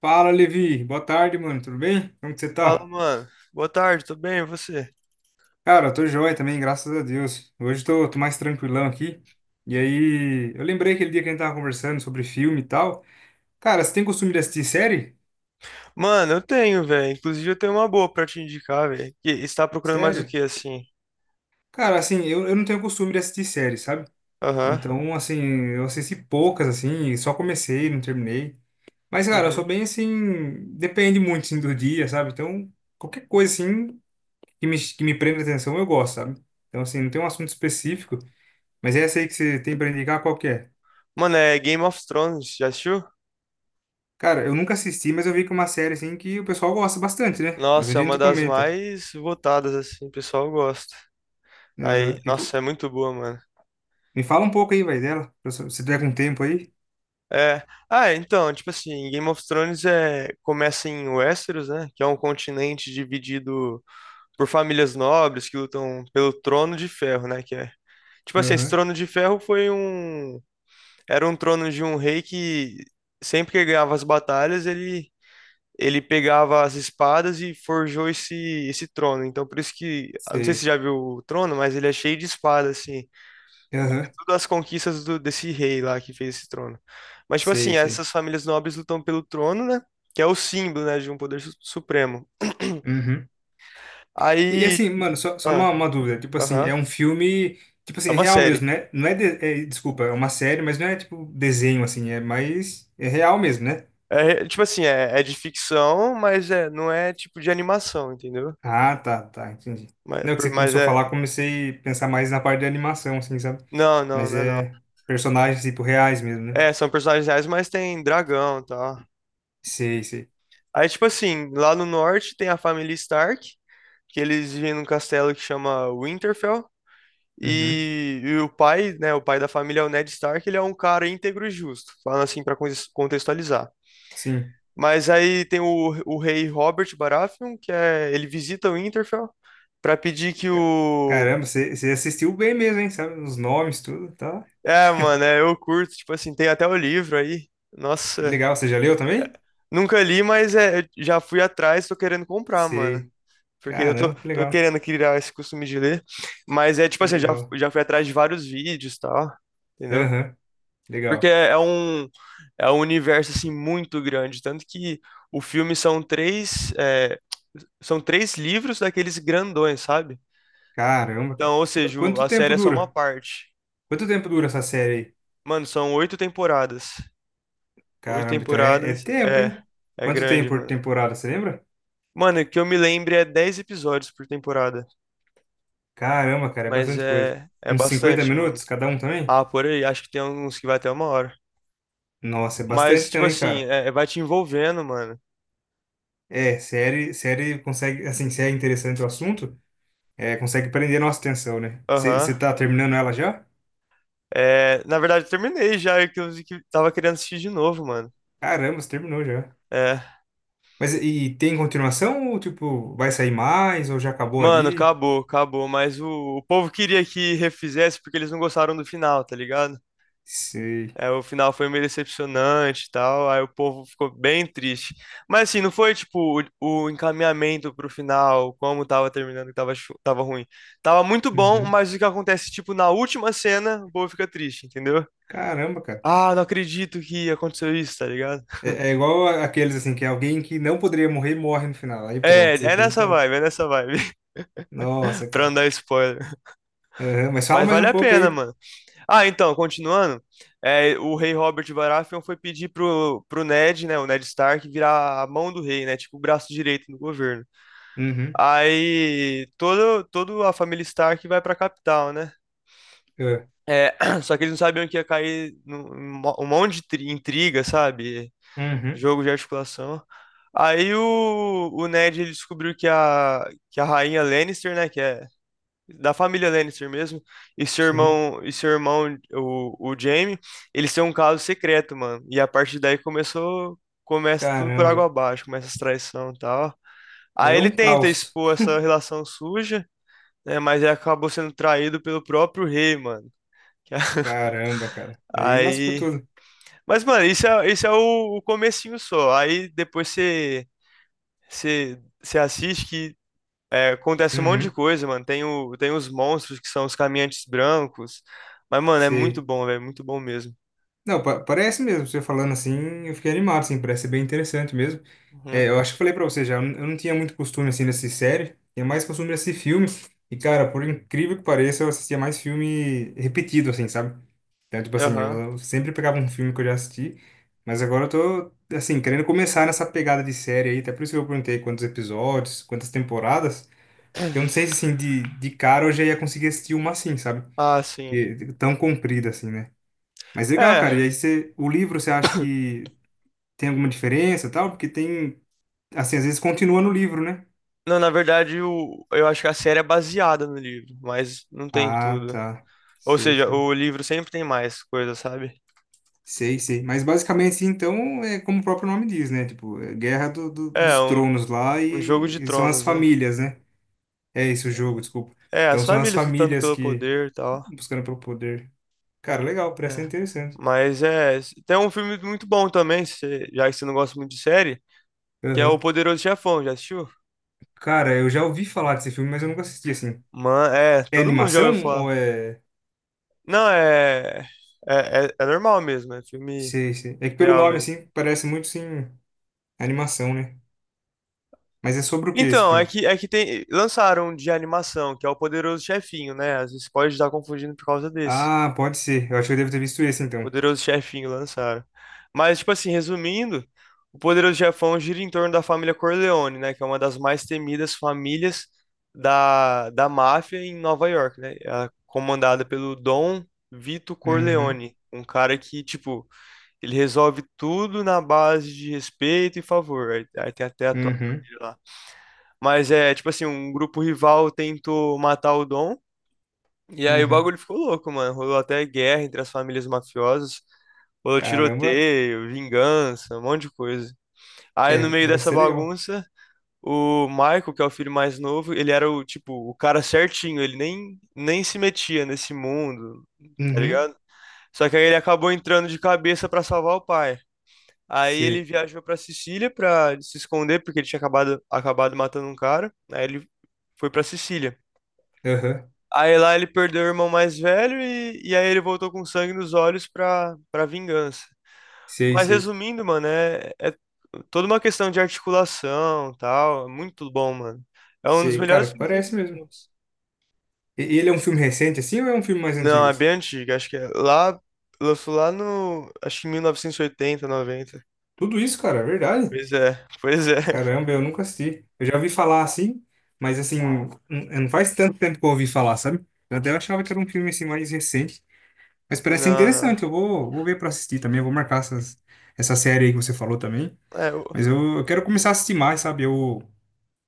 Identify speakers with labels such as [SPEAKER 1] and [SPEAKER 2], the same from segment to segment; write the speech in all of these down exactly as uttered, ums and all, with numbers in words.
[SPEAKER 1] Fala, Levi. Boa tarde, mano. Tudo bem? Como que você
[SPEAKER 2] Fala,
[SPEAKER 1] tá?
[SPEAKER 2] mano. Boa tarde, tudo bem? E você?
[SPEAKER 1] Cara, eu tô joia também, graças a Deus. Hoje tô, tô mais tranquilão aqui. E aí, eu lembrei aquele dia que a gente tava conversando sobre filme e tal. Cara, você tem costume de assistir série?
[SPEAKER 2] Mano, eu tenho, velho. Inclusive, eu tenho uma boa pra te indicar, velho. Que está procurando mais o
[SPEAKER 1] Sério?
[SPEAKER 2] que, assim?
[SPEAKER 1] Cara, assim, eu, eu não tenho costume de assistir série, sabe?
[SPEAKER 2] Aham.
[SPEAKER 1] Então, assim, eu assisti poucas, assim, e só comecei, não terminei. Mas, cara, eu sou
[SPEAKER 2] Uhum.
[SPEAKER 1] bem assim, depende muito, assim, do dia, sabe? Então, qualquer coisa, assim, que me, que me prenda atenção, eu gosto, sabe? Então, assim, não tem um assunto específico. Mas essa aí que você tem pra indicar, qual que é?
[SPEAKER 2] Mano, é Game of Thrones, já assistiu?
[SPEAKER 1] Cara, eu nunca assisti, mas eu vi que é uma série assim que o pessoal gosta bastante, né?
[SPEAKER 2] Nossa, é
[SPEAKER 1] Bastante
[SPEAKER 2] uma
[SPEAKER 1] gente
[SPEAKER 2] das
[SPEAKER 1] comenta.
[SPEAKER 2] mais votadas, assim, o pessoal gosta. Aí,
[SPEAKER 1] Aham. E co-
[SPEAKER 2] nossa, é muito boa, mano.
[SPEAKER 1] Me fala um pouco aí, vai, dela. Pra Se se tiver com tempo aí.
[SPEAKER 2] É. Ah, então, tipo assim, Game of Thrones é... começa em Westeros, né? Que é um continente dividido por famílias nobres que lutam pelo Trono de Ferro, né? Que é. Tipo assim, esse
[SPEAKER 1] Aham.
[SPEAKER 2] Trono de Ferro foi um era um trono de um rei que sempre que ele ganhava as batalhas, ele ele pegava as espadas e forjou esse esse trono. Então por isso que, eu não sei se você
[SPEAKER 1] Sei.
[SPEAKER 2] já viu o trono, mas ele é cheio de espadas assim. Mas é
[SPEAKER 1] Aham.
[SPEAKER 2] tudo as conquistas do, desse rei lá que fez esse trono. Mas tipo
[SPEAKER 1] Sei,
[SPEAKER 2] assim,
[SPEAKER 1] sei.
[SPEAKER 2] essas famílias nobres lutam pelo trono, né? Que é o símbolo, né, de um poder su- supremo.
[SPEAKER 1] Uhum. E, e
[SPEAKER 2] Aí,
[SPEAKER 1] assim, mano, só, só uma,
[SPEAKER 2] ah,
[SPEAKER 1] uma dúvida. Tipo assim,
[SPEAKER 2] aham,
[SPEAKER 1] é um filme. Tipo assim,
[SPEAKER 2] é
[SPEAKER 1] é
[SPEAKER 2] uma
[SPEAKER 1] real
[SPEAKER 2] série.
[SPEAKER 1] mesmo, né? Não é, de- é. Desculpa, é uma série, mas não é tipo desenho, assim. É mais. É real mesmo, né?
[SPEAKER 2] É, tipo assim, é, é de ficção, mas é, não é tipo de animação, entendeu?
[SPEAKER 1] Ah, tá, tá, entendi.
[SPEAKER 2] Mas,
[SPEAKER 1] Não, que
[SPEAKER 2] por,
[SPEAKER 1] você
[SPEAKER 2] mas
[SPEAKER 1] começou a
[SPEAKER 2] é.
[SPEAKER 1] falar, comecei a pensar mais na parte de animação, assim, sabe?
[SPEAKER 2] Não, não,
[SPEAKER 1] Mas
[SPEAKER 2] não, é não.
[SPEAKER 1] é personagens, tipo, reais mesmo, né?
[SPEAKER 2] É, são personagens reais, mas tem dragão e tal.
[SPEAKER 1] Sei, sei.
[SPEAKER 2] Aí, tipo assim, lá no norte tem a família Stark, que eles vivem num castelo que chama Winterfell.
[SPEAKER 1] Uhum,
[SPEAKER 2] E, e o pai, né, o pai da família é o Ned Stark, ele é um cara íntegro e justo, falando assim pra contes- contextualizar.
[SPEAKER 1] sim.
[SPEAKER 2] Mas aí tem o, o rei Robert Baratheon, que é, ele visita o Winterfell pra pedir que
[SPEAKER 1] Ca-
[SPEAKER 2] o...
[SPEAKER 1] Caramba, você, você assistiu bem mesmo, hein? Sabe? Os nomes, tudo, tá?
[SPEAKER 2] É, mano, é, eu curto, tipo assim, tem até o livro aí.
[SPEAKER 1] Que
[SPEAKER 2] Nossa,
[SPEAKER 1] legal. Você já leu também?
[SPEAKER 2] nunca li, mas é, eu já fui atrás, tô querendo comprar, mano.
[SPEAKER 1] Sei.
[SPEAKER 2] Porque eu tô,
[SPEAKER 1] Caramba, que
[SPEAKER 2] tô
[SPEAKER 1] legal.
[SPEAKER 2] querendo criar esse costume de ler. Mas é tipo
[SPEAKER 1] Que
[SPEAKER 2] assim, já,
[SPEAKER 1] legal.
[SPEAKER 2] já fui atrás de vários vídeos e tal, entendeu?
[SPEAKER 1] Aham,
[SPEAKER 2] Porque
[SPEAKER 1] legal.
[SPEAKER 2] é, é um, é um universo, assim, muito grande. Tanto que o filme são três, é, são três livros daqueles grandões, sabe?
[SPEAKER 1] Caramba,
[SPEAKER 2] Então,
[SPEAKER 1] cara.
[SPEAKER 2] ou
[SPEAKER 1] Qu-
[SPEAKER 2] seja, o-
[SPEAKER 1] Quanto
[SPEAKER 2] a série
[SPEAKER 1] tempo
[SPEAKER 2] é só uma
[SPEAKER 1] dura?
[SPEAKER 2] parte.
[SPEAKER 1] Quanto tempo dura essa série aí?
[SPEAKER 2] Mano, são oito temporadas. Oito
[SPEAKER 1] Caramba, então é, é
[SPEAKER 2] temporadas,
[SPEAKER 1] tempo,
[SPEAKER 2] é,
[SPEAKER 1] hein?
[SPEAKER 2] é
[SPEAKER 1] Quanto tempo
[SPEAKER 2] grande,
[SPEAKER 1] por
[SPEAKER 2] mano.
[SPEAKER 1] temporada, você lembra?
[SPEAKER 2] Mano, que eu me lembre é dez episódios por temporada.
[SPEAKER 1] Caramba, cara, é
[SPEAKER 2] Mas
[SPEAKER 1] bastante coisa.
[SPEAKER 2] é, é
[SPEAKER 1] Uns cinquenta
[SPEAKER 2] bastante, mano.
[SPEAKER 1] minutos cada um também?
[SPEAKER 2] Ah, por aí, acho que tem uns que vai até uma hora.
[SPEAKER 1] Nossa, é bastante
[SPEAKER 2] Mas, tipo
[SPEAKER 1] também,
[SPEAKER 2] assim,
[SPEAKER 1] cara.
[SPEAKER 2] é, é, vai te envolvendo, mano.
[SPEAKER 1] É, série, série consegue, assim, se é interessante o assunto, é, consegue prender nossa atenção, né?
[SPEAKER 2] Aham.
[SPEAKER 1] Você tá terminando ela já?
[SPEAKER 2] É, na verdade, eu terminei já, é que eu vi que tava querendo assistir de novo, mano.
[SPEAKER 1] Caramba, você terminou já.
[SPEAKER 2] É.
[SPEAKER 1] Mas e e tem continuação ou, tipo, vai sair mais ou já acabou
[SPEAKER 2] Mano,
[SPEAKER 1] ali?
[SPEAKER 2] acabou, acabou. Mas o, o povo queria que refizesse porque eles não gostaram do final, tá ligado?
[SPEAKER 1] Sei.
[SPEAKER 2] É, o final foi meio decepcionante e tal, aí o povo ficou bem triste. Mas assim, não foi tipo o, o encaminhamento pro final, como tava terminando, que tava, chu- tava ruim. Tava muito bom,
[SPEAKER 1] Uhum.
[SPEAKER 2] mas o que acontece, tipo, na última cena, o povo fica triste, entendeu?
[SPEAKER 1] Caramba, cara.
[SPEAKER 2] Ah, não acredito que aconteceu isso, tá ligado?
[SPEAKER 1] É, é igual a- aqueles, assim, que alguém que não poderia morrer, morre no final. Aí
[SPEAKER 2] É,
[SPEAKER 1] pronto, você
[SPEAKER 2] é nessa
[SPEAKER 1] fica...
[SPEAKER 2] vibe, é nessa vibe,
[SPEAKER 1] Nossa,
[SPEAKER 2] pra não
[SPEAKER 1] cara.
[SPEAKER 2] dar spoiler.
[SPEAKER 1] Aham, mas fala
[SPEAKER 2] Mas
[SPEAKER 1] mais
[SPEAKER 2] vale
[SPEAKER 1] um
[SPEAKER 2] a
[SPEAKER 1] pouco
[SPEAKER 2] pena,
[SPEAKER 1] aí.
[SPEAKER 2] mano. Ah, então, continuando, é, o rei Robert Baratheon foi pedir pro, pro Ned, né, o Ned Stark, virar a mão do rei, né, tipo o braço direito do governo.
[SPEAKER 1] Uhum.
[SPEAKER 2] Aí todo, toda a família Stark vai pra capital, né?
[SPEAKER 1] Ah.
[SPEAKER 2] É, só que eles não sabiam que ia cair num, num mo- um monte de tri- intriga, sabe?
[SPEAKER 1] Uhum.
[SPEAKER 2] Jogo de articulação. Aí o, o Ned ele descobriu que a, que a rainha Lannister, né? Que é da família Lannister mesmo, e seu
[SPEAKER 1] Sim,
[SPEAKER 2] irmão, e seu irmão, o, o Jaime, eles têm um caso secreto, mano. E a partir daí começou, começa tudo por água
[SPEAKER 1] caramba.
[SPEAKER 2] abaixo, começa as traições e tal. Aí
[SPEAKER 1] É
[SPEAKER 2] ele
[SPEAKER 1] um
[SPEAKER 2] tenta
[SPEAKER 1] caos.
[SPEAKER 2] expor essa relação suja, né? Mas aí acabou sendo traído pelo próprio rei, mano.
[SPEAKER 1] Caramba, cara. Aí lascou
[SPEAKER 2] Aí.
[SPEAKER 1] tudo.
[SPEAKER 2] Mas, mano, isso é, isso é o, o comecinho só. Aí depois você, você, você assiste que é, acontece um monte de
[SPEAKER 1] Uhum,
[SPEAKER 2] coisa, mano. Tem, o, tem os monstros que são os caminhantes brancos. Mas, mano, é muito
[SPEAKER 1] sei.
[SPEAKER 2] bom, velho. Muito bom mesmo.
[SPEAKER 1] Não, pa- parece mesmo, você falando assim, eu fiquei animado, assim, parece ser bem interessante mesmo.
[SPEAKER 2] Uhum.
[SPEAKER 1] É, eu acho que falei pra você já, eu n- eu não tinha muito costume, assim, dessa série, tinha mais costume desse filme. E, cara, por incrível que pareça, eu assistia mais filme repetido, assim, sabe? Então, tipo assim,
[SPEAKER 2] Aham.
[SPEAKER 1] eu sempre pegava um filme que eu já assisti, mas agora eu tô, assim, querendo começar nessa pegada de série aí, até por isso que eu perguntei quantos episódios, quantas temporadas. Porque eu não sei se, assim, de, de cara eu já ia conseguir assistir uma assim, sabe?
[SPEAKER 2] Ah, sim.
[SPEAKER 1] Que, tão comprida, assim, né? Mas legal, cara. E
[SPEAKER 2] É.
[SPEAKER 1] aí você, o livro, você acha que tem alguma diferença e tal? Porque tem, assim, às vezes continua no livro, né?
[SPEAKER 2] Não, na verdade, o, eu acho que a série é baseada no livro, mas não tem
[SPEAKER 1] Ah,
[SPEAKER 2] tudo.
[SPEAKER 1] tá.
[SPEAKER 2] Ou
[SPEAKER 1] Sei,
[SPEAKER 2] seja,
[SPEAKER 1] sei.
[SPEAKER 2] o livro sempre tem mais coisa, sabe?
[SPEAKER 1] Sei, sei. Mas basicamente, assim, então, é como o próprio nome diz, né? Tipo, é Guerra do, do-
[SPEAKER 2] É,
[SPEAKER 1] dos
[SPEAKER 2] um,
[SPEAKER 1] Tronos lá
[SPEAKER 2] um jogo
[SPEAKER 1] e,
[SPEAKER 2] de
[SPEAKER 1] e são as
[SPEAKER 2] tronos, né?
[SPEAKER 1] famílias, né? É isso, o jogo, desculpa.
[SPEAKER 2] É,
[SPEAKER 1] Então
[SPEAKER 2] as
[SPEAKER 1] são as
[SPEAKER 2] famílias lutando
[SPEAKER 1] famílias
[SPEAKER 2] pelo
[SPEAKER 1] que
[SPEAKER 2] poder e tal.
[SPEAKER 1] buscando pelo poder. Cara, legal,
[SPEAKER 2] É.
[SPEAKER 1] parece ser interessante.
[SPEAKER 2] Mas é. Tem um filme muito bom também, se- já que você não gosta muito de série, que é O
[SPEAKER 1] Aham.
[SPEAKER 2] Poderoso Chefão, já assistiu?
[SPEAKER 1] Cara, eu já ouvi falar desse filme, mas eu nunca assisti, assim.
[SPEAKER 2] Mano, é,
[SPEAKER 1] É
[SPEAKER 2] todo mundo já ouviu
[SPEAKER 1] animação
[SPEAKER 2] falar.
[SPEAKER 1] ou é...
[SPEAKER 2] Não, é. É, é, é normal mesmo, é filme
[SPEAKER 1] Sei, sei. É que pelo
[SPEAKER 2] real
[SPEAKER 1] nome,
[SPEAKER 2] mesmo.
[SPEAKER 1] assim, parece muito, sim, animação, né? Mas é sobre o que esse
[SPEAKER 2] Então, é
[SPEAKER 1] filme?
[SPEAKER 2] que, é que tem, lançaram um de animação, que é O Poderoso Chefinho, né? Às vezes pode estar confundindo por causa desse.
[SPEAKER 1] Ah, pode ser. Eu acho que eu devo ter visto esse, então.
[SPEAKER 2] Poderoso Chefinho lançaram. Mas, tipo assim, resumindo, o Poderoso Chefão gira em torno da família Corleone, né? Que é uma das mais temidas famílias da, da máfia em Nova York, né? É comandada pelo Dom Vito
[SPEAKER 1] Uhum,
[SPEAKER 2] Corleone, um cara que, tipo, ele resolve tudo na base de respeito e favor. Aí, aí tem até a tropa
[SPEAKER 1] uhum,
[SPEAKER 2] dele lá. Mas é, tipo assim, um grupo rival tentou matar o Dom. E aí o
[SPEAKER 1] uhum.
[SPEAKER 2] bagulho ficou louco, mano. Rolou até guerra entre as famílias mafiosas. Rolou
[SPEAKER 1] Caramba.
[SPEAKER 2] tiroteio, vingança, um monte de coisa. Aí no
[SPEAKER 1] É,
[SPEAKER 2] meio
[SPEAKER 1] parece
[SPEAKER 2] dessa
[SPEAKER 1] ser legal.
[SPEAKER 2] bagunça, o Michael, que é o filho mais novo, ele era o tipo, o cara certinho, ele nem, nem se metia nesse mundo, tá
[SPEAKER 1] Uhum,
[SPEAKER 2] ligado? Só que aí ele acabou entrando de cabeça pra salvar o pai. Aí ele
[SPEAKER 1] sei.
[SPEAKER 2] viajou pra Sicília pra se esconder, porque ele tinha acabado, acabado matando um cara. Aí ele foi pra Sicília.
[SPEAKER 1] Aham,
[SPEAKER 2] Aí lá ele perdeu o irmão mais velho e, e aí ele voltou com sangue nos olhos pra, pra vingança.
[SPEAKER 1] sei,
[SPEAKER 2] Mas
[SPEAKER 1] sei.
[SPEAKER 2] resumindo, mano, é, é toda uma questão de articulação, tal, é muito bom, mano. É um dos
[SPEAKER 1] Sei,
[SPEAKER 2] melhores
[SPEAKER 1] cara,
[SPEAKER 2] filmes de todos
[SPEAKER 1] parece
[SPEAKER 2] os
[SPEAKER 1] mesmo.
[SPEAKER 2] tempos.
[SPEAKER 1] E ele é um filme recente, assim, ou é um filme mais
[SPEAKER 2] Não,
[SPEAKER 1] antigo?
[SPEAKER 2] é bem antigo, acho que é lá, lançou lá no, acho que em mil novecentos e oitenta, mil novecentos e noventa.
[SPEAKER 1] Tudo isso, cara, é verdade.
[SPEAKER 2] Pois é, pois é.
[SPEAKER 1] Caramba, eu nunca assisti. Eu já ouvi falar assim, mas assim, n- não faz tanto tempo que eu ouvi falar, sabe? Eu até achava que era um filme assim mais recente. Mas
[SPEAKER 2] Não,
[SPEAKER 1] parece ser
[SPEAKER 2] não.
[SPEAKER 1] interessante, eu vou, vou ver pra assistir também, eu vou marcar essas, essa série aí que você falou também.
[SPEAKER 2] É, o-
[SPEAKER 1] Mas eu, eu quero começar a assistir mais, sabe? Eu,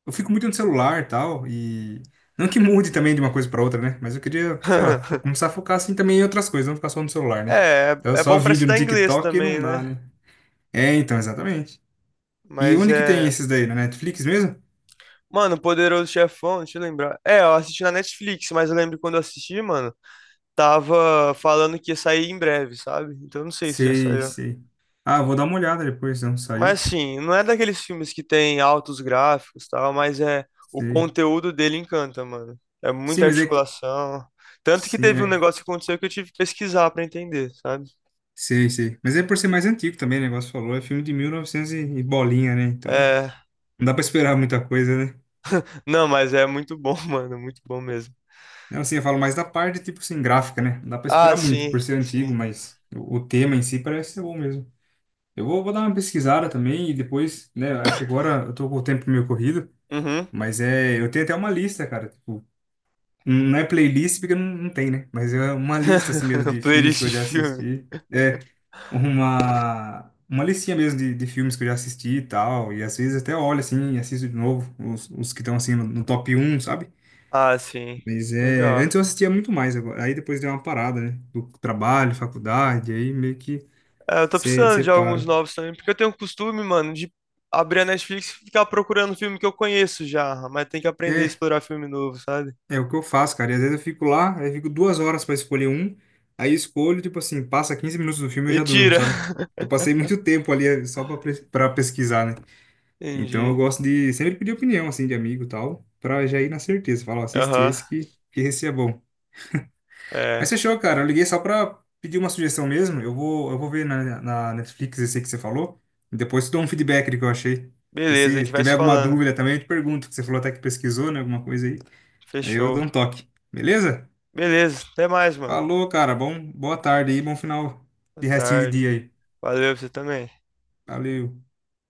[SPEAKER 1] eu fico muito no celular e tal, e não que mude também de uma coisa pra outra, né? Mas eu queria, sei lá, fo- começar a focar assim também em outras coisas, não ficar só no celular, né?
[SPEAKER 2] é,
[SPEAKER 1] Então
[SPEAKER 2] é
[SPEAKER 1] só
[SPEAKER 2] bom pra
[SPEAKER 1] vídeo no
[SPEAKER 2] estudar inglês
[SPEAKER 1] TikTok não
[SPEAKER 2] também,
[SPEAKER 1] dá,
[SPEAKER 2] né?
[SPEAKER 1] né? É, então, exatamente. E
[SPEAKER 2] Mas
[SPEAKER 1] onde que tem
[SPEAKER 2] é.
[SPEAKER 1] esses daí? Na Netflix mesmo?
[SPEAKER 2] Mano, Poderoso Chefão, deixa eu lembrar. É, eu assisti na Netflix, mas eu lembro quando eu assisti, mano, tava falando que ia sair em breve, sabe? Então eu não sei se já
[SPEAKER 1] Sei,
[SPEAKER 2] saiu.
[SPEAKER 1] sei. Ah, vou dar uma olhada depois, não saiu?
[SPEAKER 2] Mas assim, não é daqueles filmes que tem altos gráficos e tal, mas é o
[SPEAKER 1] Sei.
[SPEAKER 2] conteúdo dele encanta, mano. É
[SPEAKER 1] Sim,
[SPEAKER 2] muita
[SPEAKER 1] mas é que...
[SPEAKER 2] articulação. Tanto que
[SPEAKER 1] Sim,
[SPEAKER 2] teve um
[SPEAKER 1] é...
[SPEAKER 2] negócio que aconteceu que eu tive que pesquisar pra entender, sabe?
[SPEAKER 1] Sei, sei. Mas é por ser mais antigo também, o negócio falou. É filme de mil e novecentos e novecentos e e bolinha, né? Então,
[SPEAKER 2] É,
[SPEAKER 1] não dá pra esperar muita coisa, né?
[SPEAKER 2] não, mas é muito bom, mano, muito bom mesmo.
[SPEAKER 1] Não, assim, eu falo mais da parte, tipo assim, gráfica, né? Não dá pra
[SPEAKER 2] Ah,
[SPEAKER 1] esperar muito por
[SPEAKER 2] sim,
[SPEAKER 1] ser antigo,
[SPEAKER 2] sim.
[SPEAKER 1] mas o o tema em si parece ser bom mesmo. Eu vou, vou dar uma pesquisada também e depois, né? É que agora eu tô com o tempo meio corrido,
[SPEAKER 2] Uhum.
[SPEAKER 1] mas é... Eu tenho até uma lista, cara. Tipo, Hum, não é playlist porque não, não tem, né? Mas é uma lista assim mesmo de filmes
[SPEAKER 2] Playlist
[SPEAKER 1] que eu
[SPEAKER 2] de
[SPEAKER 1] já
[SPEAKER 2] filme.
[SPEAKER 1] assisti. É uma, uma, listinha mesmo de, de filmes que eu já assisti e tal. E às vezes até olho assim e assisto de novo os, os, que estão assim no, no top um, sabe?
[SPEAKER 2] Ah, sim.
[SPEAKER 1] Mas é, antes
[SPEAKER 2] Legal.
[SPEAKER 1] eu assistia muito mais, agora. Aí depois deu uma parada, né? Do trabalho, faculdade, aí meio que
[SPEAKER 2] É, eu tô precisando
[SPEAKER 1] você
[SPEAKER 2] de alguns
[SPEAKER 1] para.
[SPEAKER 2] novos também, porque eu tenho o costume, mano, de abrir a Netflix e ficar procurando filme que eu conheço já, mas tem que aprender a explorar filme novo, sabe?
[SPEAKER 1] É o que eu faço, cara. E às vezes eu fico lá, aí eu fico duas horas pra escolher um, aí eu escolho, tipo assim, passa quinze minutos do filme e eu
[SPEAKER 2] E
[SPEAKER 1] já durmo,
[SPEAKER 2] tira.
[SPEAKER 1] sabe? Eu passei muito tempo ali eh, só pra pres- pra pesquisar, né? Então eu
[SPEAKER 2] Entendi.
[SPEAKER 1] gosto de sempre pedir opinião, assim, de amigo e tal, pra já ir na certeza. Falar, ó, assiste
[SPEAKER 2] Aham.
[SPEAKER 1] esse que, que esse é bom.
[SPEAKER 2] É.
[SPEAKER 1] Mas fechou, cara. Eu liguei só pra pedir uma sugestão mesmo. Eu vou, eu vou ver na, na, Netflix esse que você falou, e depois te dou um feedback do que eu achei. E
[SPEAKER 2] Beleza, a gente
[SPEAKER 1] se
[SPEAKER 2] vai
[SPEAKER 1] tiver
[SPEAKER 2] se
[SPEAKER 1] alguma
[SPEAKER 2] falando.
[SPEAKER 1] dúvida também, eu te pergunto, que você falou até que pesquisou, né? Alguma coisa aí. Aí eu
[SPEAKER 2] Fechou.
[SPEAKER 1] dou um toque. Beleza?
[SPEAKER 2] Beleza, até mais, mano.
[SPEAKER 1] Falou, cara. Bom, boa tarde aí, bom final
[SPEAKER 2] Boa
[SPEAKER 1] de restinho de
[SPEAKER 2] tarde.
[SPEAKER 1] dia aí.
[SPEAKER 2] Valeu, você também.
[SPEAKER 1] Valeu.